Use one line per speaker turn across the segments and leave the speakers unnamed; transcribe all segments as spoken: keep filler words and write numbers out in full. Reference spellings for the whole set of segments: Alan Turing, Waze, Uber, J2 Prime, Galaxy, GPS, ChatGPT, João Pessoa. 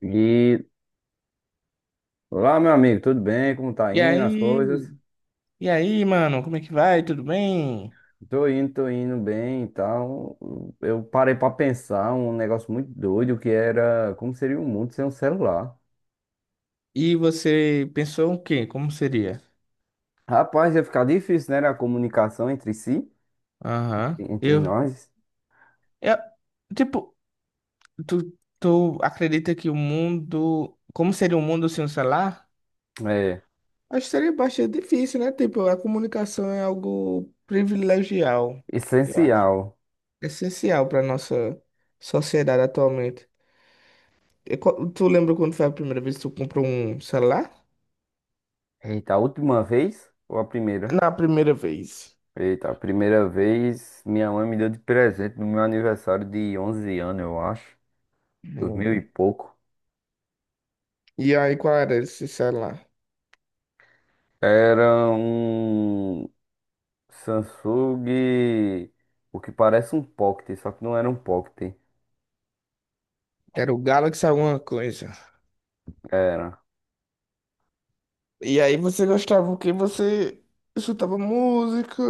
E olá, meu amigo, tudo bem? Como tá
E
indo as
aí,
coisas?
e aí, mano, como é que vai? Tudo bem?
Tô indo, tô indo bem e tal. Eu parei pra pensar um negócio muito doido que era como seria o mundo sem um celular.
E você pensou o quê? Como seria?
Rapaz, ia ficar difícil, né? A comunicação entre si,
Aham.
entre
Eu,
nós.
eu, tipo, tu, tu acredita que o mundo, como seria um mundo sem o celular?
É
Acho que seria bastante difícil, né? Tipo, a comunicação é algo privilegial, eu acho.
essencial.
Essencial para nossa sociedade atualmente. E, qual- tu lembra quando foi a primeira vez que tu comprou um celular?
Eita, a última vez ou a primeira?
Na primeira vez.
Eita, a primeira vez minha mãe me deu de presente no meu aniversário de onze anos, eu acho. Dois mil e pouco.
E aí, qual era esse celular?
Era um Samsung, o que parece um Pocket, só que não era um Pocket.
Era o Galaxy alguma coisa.
Era.
E aí você gostava que você escutava música,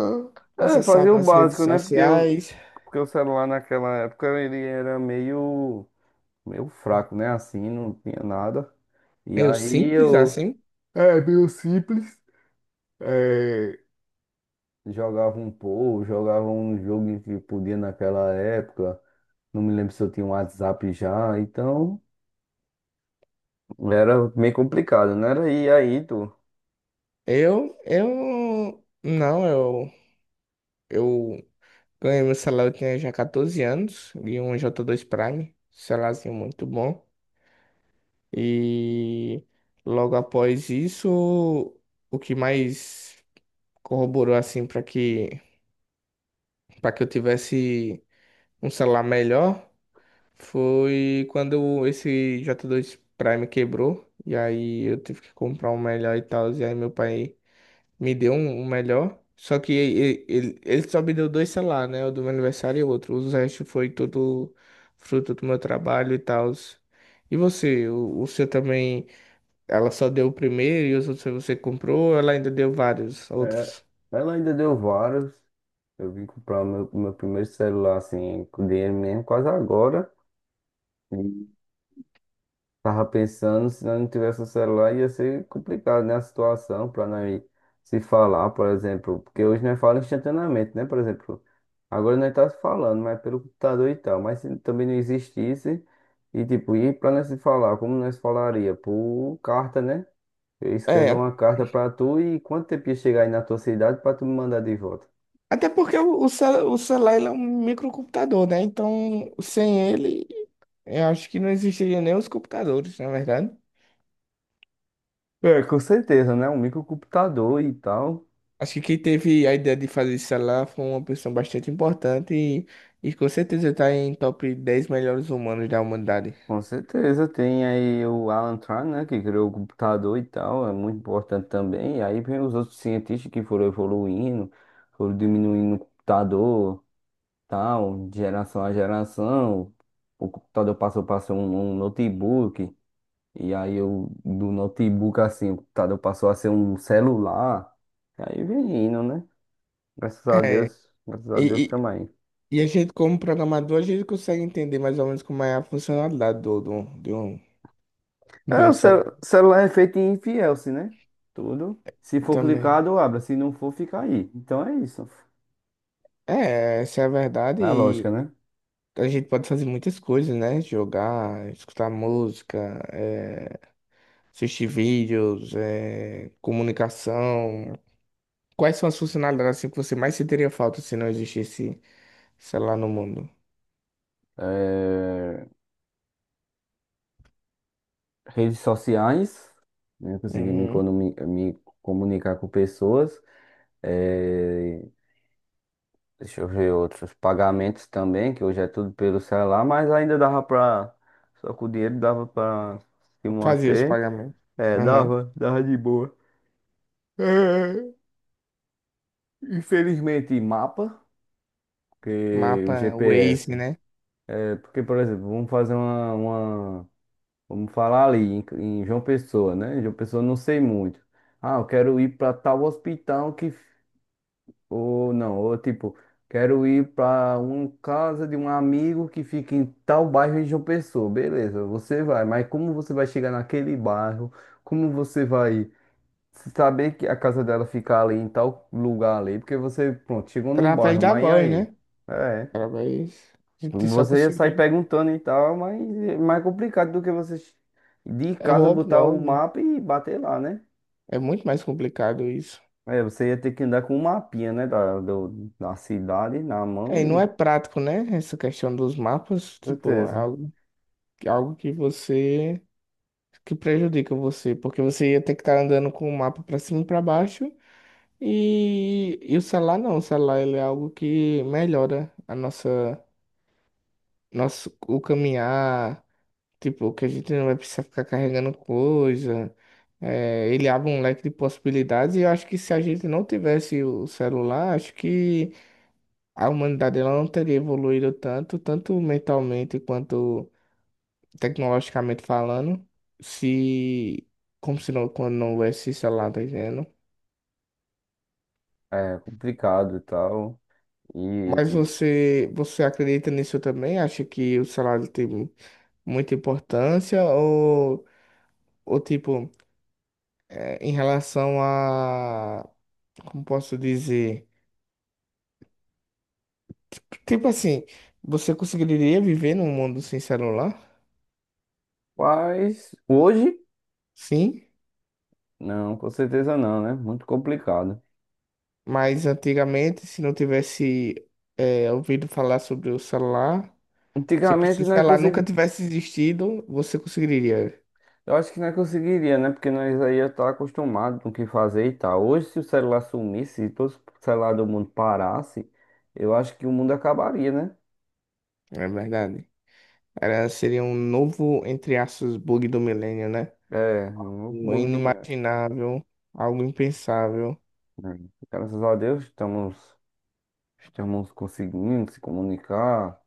É, fazia o
acessava as redes
básico, né? Porque o,
sociais.
porque o celular naquela época ele era meio, meio fraco, né? Assim, não tinha nada. E
Eu
aí
simples
eu.
assim.
É, meio simples. É, jogava um pouco, jogava um jogo que podia naquela época. Não me lembro se eu tinha um WhatsApp já, então era meio complicado, né? Era- E aí, tu.
Eu, eu, não, eu, eu ganhei meu celular, eu tinha já quatorze anos, e um J dois Prime, celularzinho muito bom. E logo após isso, o que mais corroborou assim para que para que eu tivesse um celular melhor foi quando esse J dois Prime quebrou. E aí eu tive que comprar um melhor e tal. E aí meu pai me deu um, um melhor. Só que ele, ele, ele só me deu dois celulares, né? O do meu aniversário e o outro. Os restos foi tudo fruto do meu trabalho e tal. E você? O, o seu também? Ela só deu o primeiro e os outros você comprou, ou ela ainda deu vários
É,
outros?
ela ainda deu vários. Eu vim comprar meu, meu primeiro celular, assim, com dinheiro mesmo, quase agora. E tava pensando, se nós não tivesse o celular, ia ser complicado, né? A situação para nós se falar, por exemplo. Porque hoje nós falamos instantaneamente, né? Por exemplo, agora nós tá se falando, mas pelo computador e tal. Mas se também não existisse, e tipo, e para nós se falar, como nós falaria? Por carta, né? Eu ia escrever
É,
uma carta para tu e quanto tempo ia chegar aí na tua cidade para tu me mandar de volta?
até porque o, o, cel- o celular ele é um microcomputador, né? Então, sem ele, eu acho que não existiria nem os computadores, na verdade.
É, com certeza, né? Um microcomputador e tal.
Acho que quem teve a ideia de fazer esse celular foi uma pessoa bastante importante e, e com certeza está em top dez melhores humanos da humanidade.
Com certeza. Tem aí o Alan Turing, né? Que criou o computador e tal. É muito importante também. E aí vem os outros cientistas que foram evoluindo, foram diminuindo o computador, tal, de geração a geração. O computador passou para ser um, um notebook. E aí eu, do notebook, assim, o computador passou a ser um celular. E aí vem indo, né? Graças a
É,
Deus. Graças a Deus
e,
também.
e, e a gente, como programador, a gente consegue entender mais ou menos como é a funcionalidade do, do, de um, de
É,
um
o
celular
cel- celular é feito em Fielce, né? Tudo. Se for
também.
clicado, abre. Se não for, fica aí. Então é isso.
É, essa é a verdade
É a lógica,
e
né?
a gente pode fazer muitas coisas, né? Jogar, escutar música, é, assistir vídeos, é, comunicação. Quais são as funcionalidades assim, que você mais sentiria falta se não existisse celular no mundo?
É, Redes sociais, né? Consegui me,
Uhum.
economi- me comunicar com pessoas. É, Deixa eu ver outros. Pagamentos também, que hoje é tudo pelo celular, mas ainda dava pra. Só com o dinheiro dava pra se
Fazia os
manter.
pagamentos.
É,
Uhum.
dava, dava de boa. É, Infelizmente, mapa. Que o
Mapa, Waze,
G P S.
né?
É, porque, por exemplo, vamos fazer uma, uma- vamos falar ali em, em João Pessoa, né? Em João Pessoa eu não sei muito. Ah, eu quero ir para tal hospital que f- ou não, ou tipo, quero ir para uma casa de um amigo que fica em tal bairro em João Pessoa. Beleza, você vai, mas como você vai chegar naquele bairro? Como você vai saber que a casa dela fica ali em tal lugar ali? Porque você, pronto, chegou num
Através
bairro,
da
mas e
voz,
aí?
né?
É.
Através. A gente só
Você ia sair
conseguir.
perguntando e tal, mas é mais complicado do que você de
É
casa
óbvio,
botar o
óbvio.
mapa e bater lá, né?
É muito mais complicado isso.
É, você ia ter que andar com um mapinha, né? Da, do- da cidade na mão
É, e não
e.
é prático, né? Essa questão dos mapas, tipo, é
Certeza.
algo, é algo que você, que prejudica você, porque você ia ter que estar andando com o mapa pra cima e pra baixo. E, e o celular não, o celular ele é algo que melhora a nossa, nosso, o caminhar, tipo, que a gente não vai precisar ficar carregando coisa, é, ele abre um leque de possibilidades e eu acho que se a gente não tivesse o celular, acho que a humanidade ela não teria evoluído tanto, tanto mentalmente quanto tecnologicamente falando, se, como se não, quando não houvesse celular, tá entendendo?
É complicado e tal. E.
Mas
e-
você, você acredita nisso também? Acha que o salário tem muita importância? Ou, ou tipo, é, em relação a, como posso dizer? Tipo assim, você conseguiria viver num mundo sem celular?
Mas hoje,
Sim,
não, com certeza não, né? Muito complicado.
mas antigamente, se não tivesse, é, ouvido falar sobre o celular, tipo, se
Antigamente
o
nós
celular nunca
conseguimos.
tivesse existido, você conseguiria,
Eu acho que não conseguiria, né? Porque nós aí ia estar acostumado com o que fazer e tal. Hoje, se o celular sumisse, se todo o celular do mundo parasse, eu acho que o mundo acabaria, né?
não é verdade? Era, seria um novo, entre aspas, bug do milênio, né?
É, um
O
bug do meu.
inimaginável, algo impensável.
Graças a Deus, estamos, estamos conseguindo se comunicar,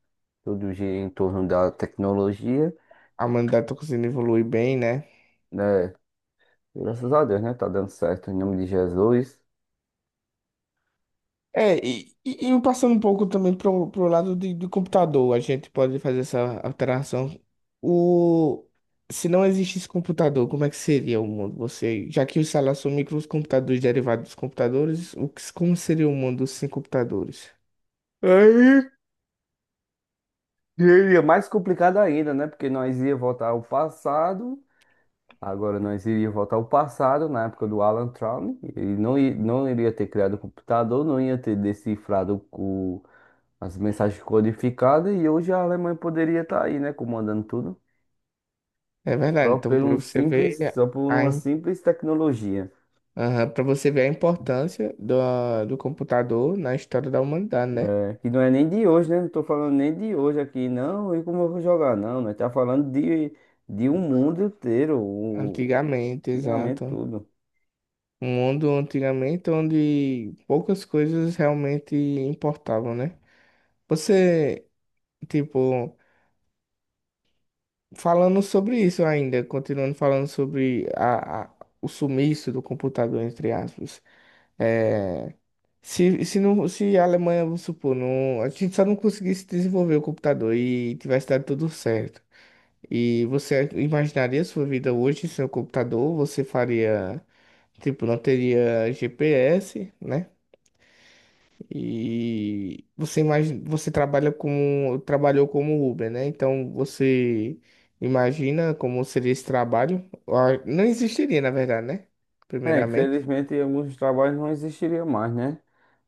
tudo gira em torno da tecnologia,
A humanidade está conseguindo evoluir bem, né?
né? Graças a Deus, né? Tá dando certo, em nome de Jesus.
É, e, e, e passando um pouco também pro, pro lado de, do computador, a gente pode fazer essa alteração. O, se não existisse computador, como é que seria o mundo? Você, já que os salários são microcomputadores derivados dos computadores, o que, como seria o mundo sem computadores?
Aí, e aí é mais complicado ainda, né? Porque nós ia voltar ao passado. Agora, nós iríamos voltar ao passado, na época do Alan Turing, ele não, i- não iria ter criado o computador, não ia ter decifrado o- as mensagens codificadas, e hoje a Alemanha poderia estar aí, né, comandando tudo,
É verdade,
só
então
por
para
um
você
simples,
ver
só por
a,
uma simples tecnologia,
para você ver a importância do, do computador na história da humanidade, né?
é, que não é nem de hoje, né, não estou falando nem de hoje aqui, não, e como eu vou jogar, não, nós estamos falando de, de um mundo inteiro, o,
Antigamente,
antigamente
exato.
tudo.
Um mundo antigamente onde poucas coisas realmente importavam, né? Você, tipo, falando sobre isso ainda, continuando falando sobre a, a- o sumiço do computador, entre aspas. É, se, se, não, se a Alemanha, vamos supor, não, a gente só não conseguisse desenvolver o computador e tivesse dado tudo certo. E você imaginaria sua vida hoje sem o computador? Você faria. Tipo, não teria G P S, né? E você imagina, você trabalha como, trabalhou como Uber, né? Então você imagina como seria esse trabalho? Ah, não existiria, na verdade, né?
É,
Primeiramente.
infelizmente alguns trabalhos não existiriam mais, né?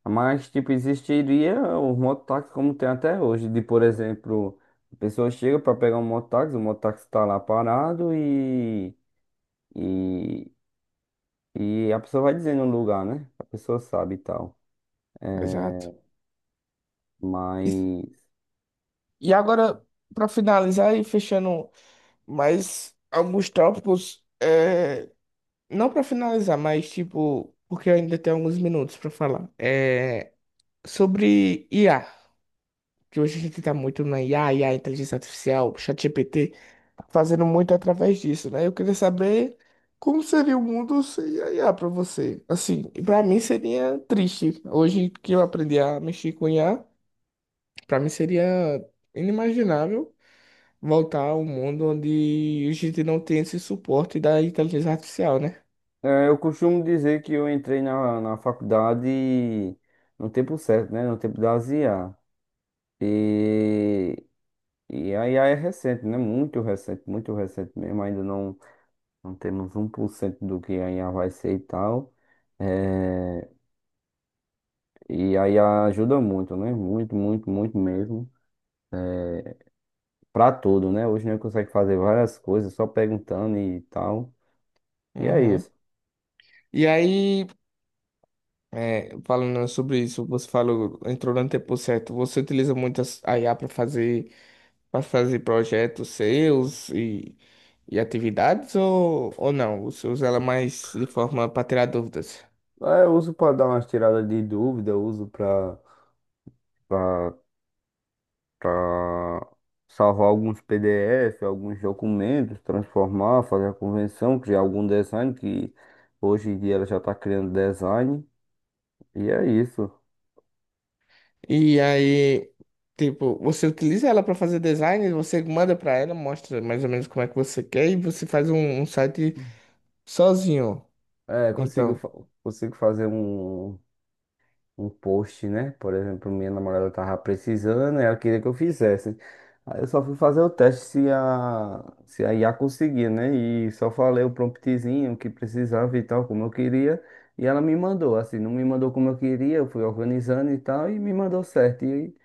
Mas, tipo, existiria o mototáxi como tem até hoje. De, por exemplo, a pessoa chega para pegar um mototáxi, o mototáxi tá lá parado e, e, e a pessoa vai dizendo o lugar, né? A pessoa sabe e tal.
Exato.
É,
E,
mas
e agora, para finalizar e fechando mais alguns tópicos, é, não para finalizar, mas tipo, porque eu ainda tenho alguns minutos para falar, é sobre I A. Que hoje a gente tá muito na IA, I A, inteligência artificial, ChatGPT, tá fazendo muito através disso, né? Eu queria saber como seria o mundo sem a I A para você. Assim, e para mim seria triste. Hoje que eu aprendi a mexer com I A, para mim seria inimaginável voltar ao mundo onde a gente não tem esse suporte da inteligência artificial, né?
é, eu costumo dizer que eu entrei na, na faculdade no tempo certo, né? No tempo da I A. E E aí aí é recente, né? Muito recente, muito recente mesmo. Ainda não, não temos um por cento do que a I A vai ser e tal. É, e aí ajuda muito, né? Muito, muito, muito mesmo. É, Pra tudo, né? Hoje nós consegue fazer várias coisas só perguntando e tal. E é
Uhum.
isso.
E aí, é, falando sobre isso, você falou, entrou no tempo certo, você utiliza muito a I A para fazer para fazer projetos seus e, e atividades ou, ou não? Você usa ela mais de forma para tirar dúvidas.
É, eu uso para dar umas tiradas de dúvida, eu uso para para salvar alguns P D F, alguns documentos, transformar, fazer a convenção, criar algum design, que hoje em dia ela já está criando design. E é isso.
E aí, tipo, você utiliza ela para fazer design, você manda para ela, mostra mais ou menos como é que você quer e você faz um, um site sozinho.
É, consigo,
Então,
fa- consigo fazer um. Um post, né? Por exemplo, minha namorada tava precisando, ela queria que eu fizesse. Aí eu só fui fazer o teste se a, se a, I A conseguia, né? E só falei o promptzinho que precisava e tal, como eu queria. E ela me mandou, assim, não me mandou como eu queria, eu fui organizando e tal, e me mandou certo, e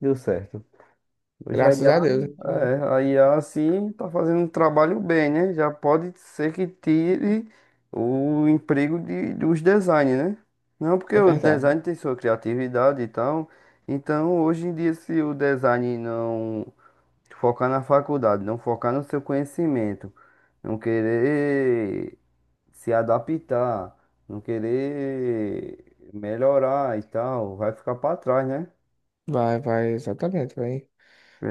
deu certo. Hoje a
graças
I A,
a Deus. Então,
é, a I A assim tá fazendo um trabalho bem, né? Já pode ser que tire o emprego de, dos designers, né? Não, porque
é
o
verdade.
design tem sua criatividade e tal. Então, hoje em dia, se o design não focar na faculdade, não focar no seu conhecimento, não querer se adaptar, não querer melhorar e tal, vai ficar para trás, né?
Vai, vai, exatamente, vai.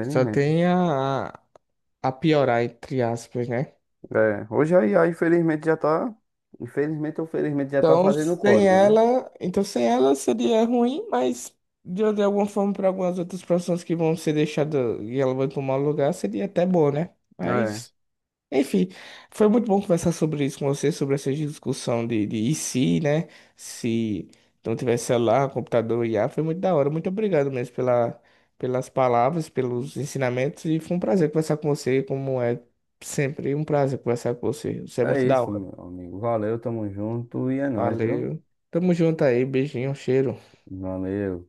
Só tem a, a piorar, entre aspas, né?
É, hoje a I A, infelizmente, já tá. Infelizmente ou felizmente já tá
Então,
fazendo o
sem
código, né?
ela, então sem ela seria ruim, mas de, de alguma forma para algumas outras profissões que vão ser deixadas e ela vai tomar o lugar, seria até bom, né?
É.
Mas, enfim, foi muito bom conversar sobre isso com você, sobre essa discussão de, de e se, né? Se não tiver celular, computador, I A, foi muito da hora. Muito obrigado mesmo pela, pelas palavras, pelos ensinamentos e foi um prazer conversar com você, como é sempre um prazer conversar com você. Você é
É
muito da
isso,
hora.
meu amigo. Valeu, tamo junto e é nóis, viu?
Valeu. Tamo junto aí. Beijinho, cheiro.
Valeu.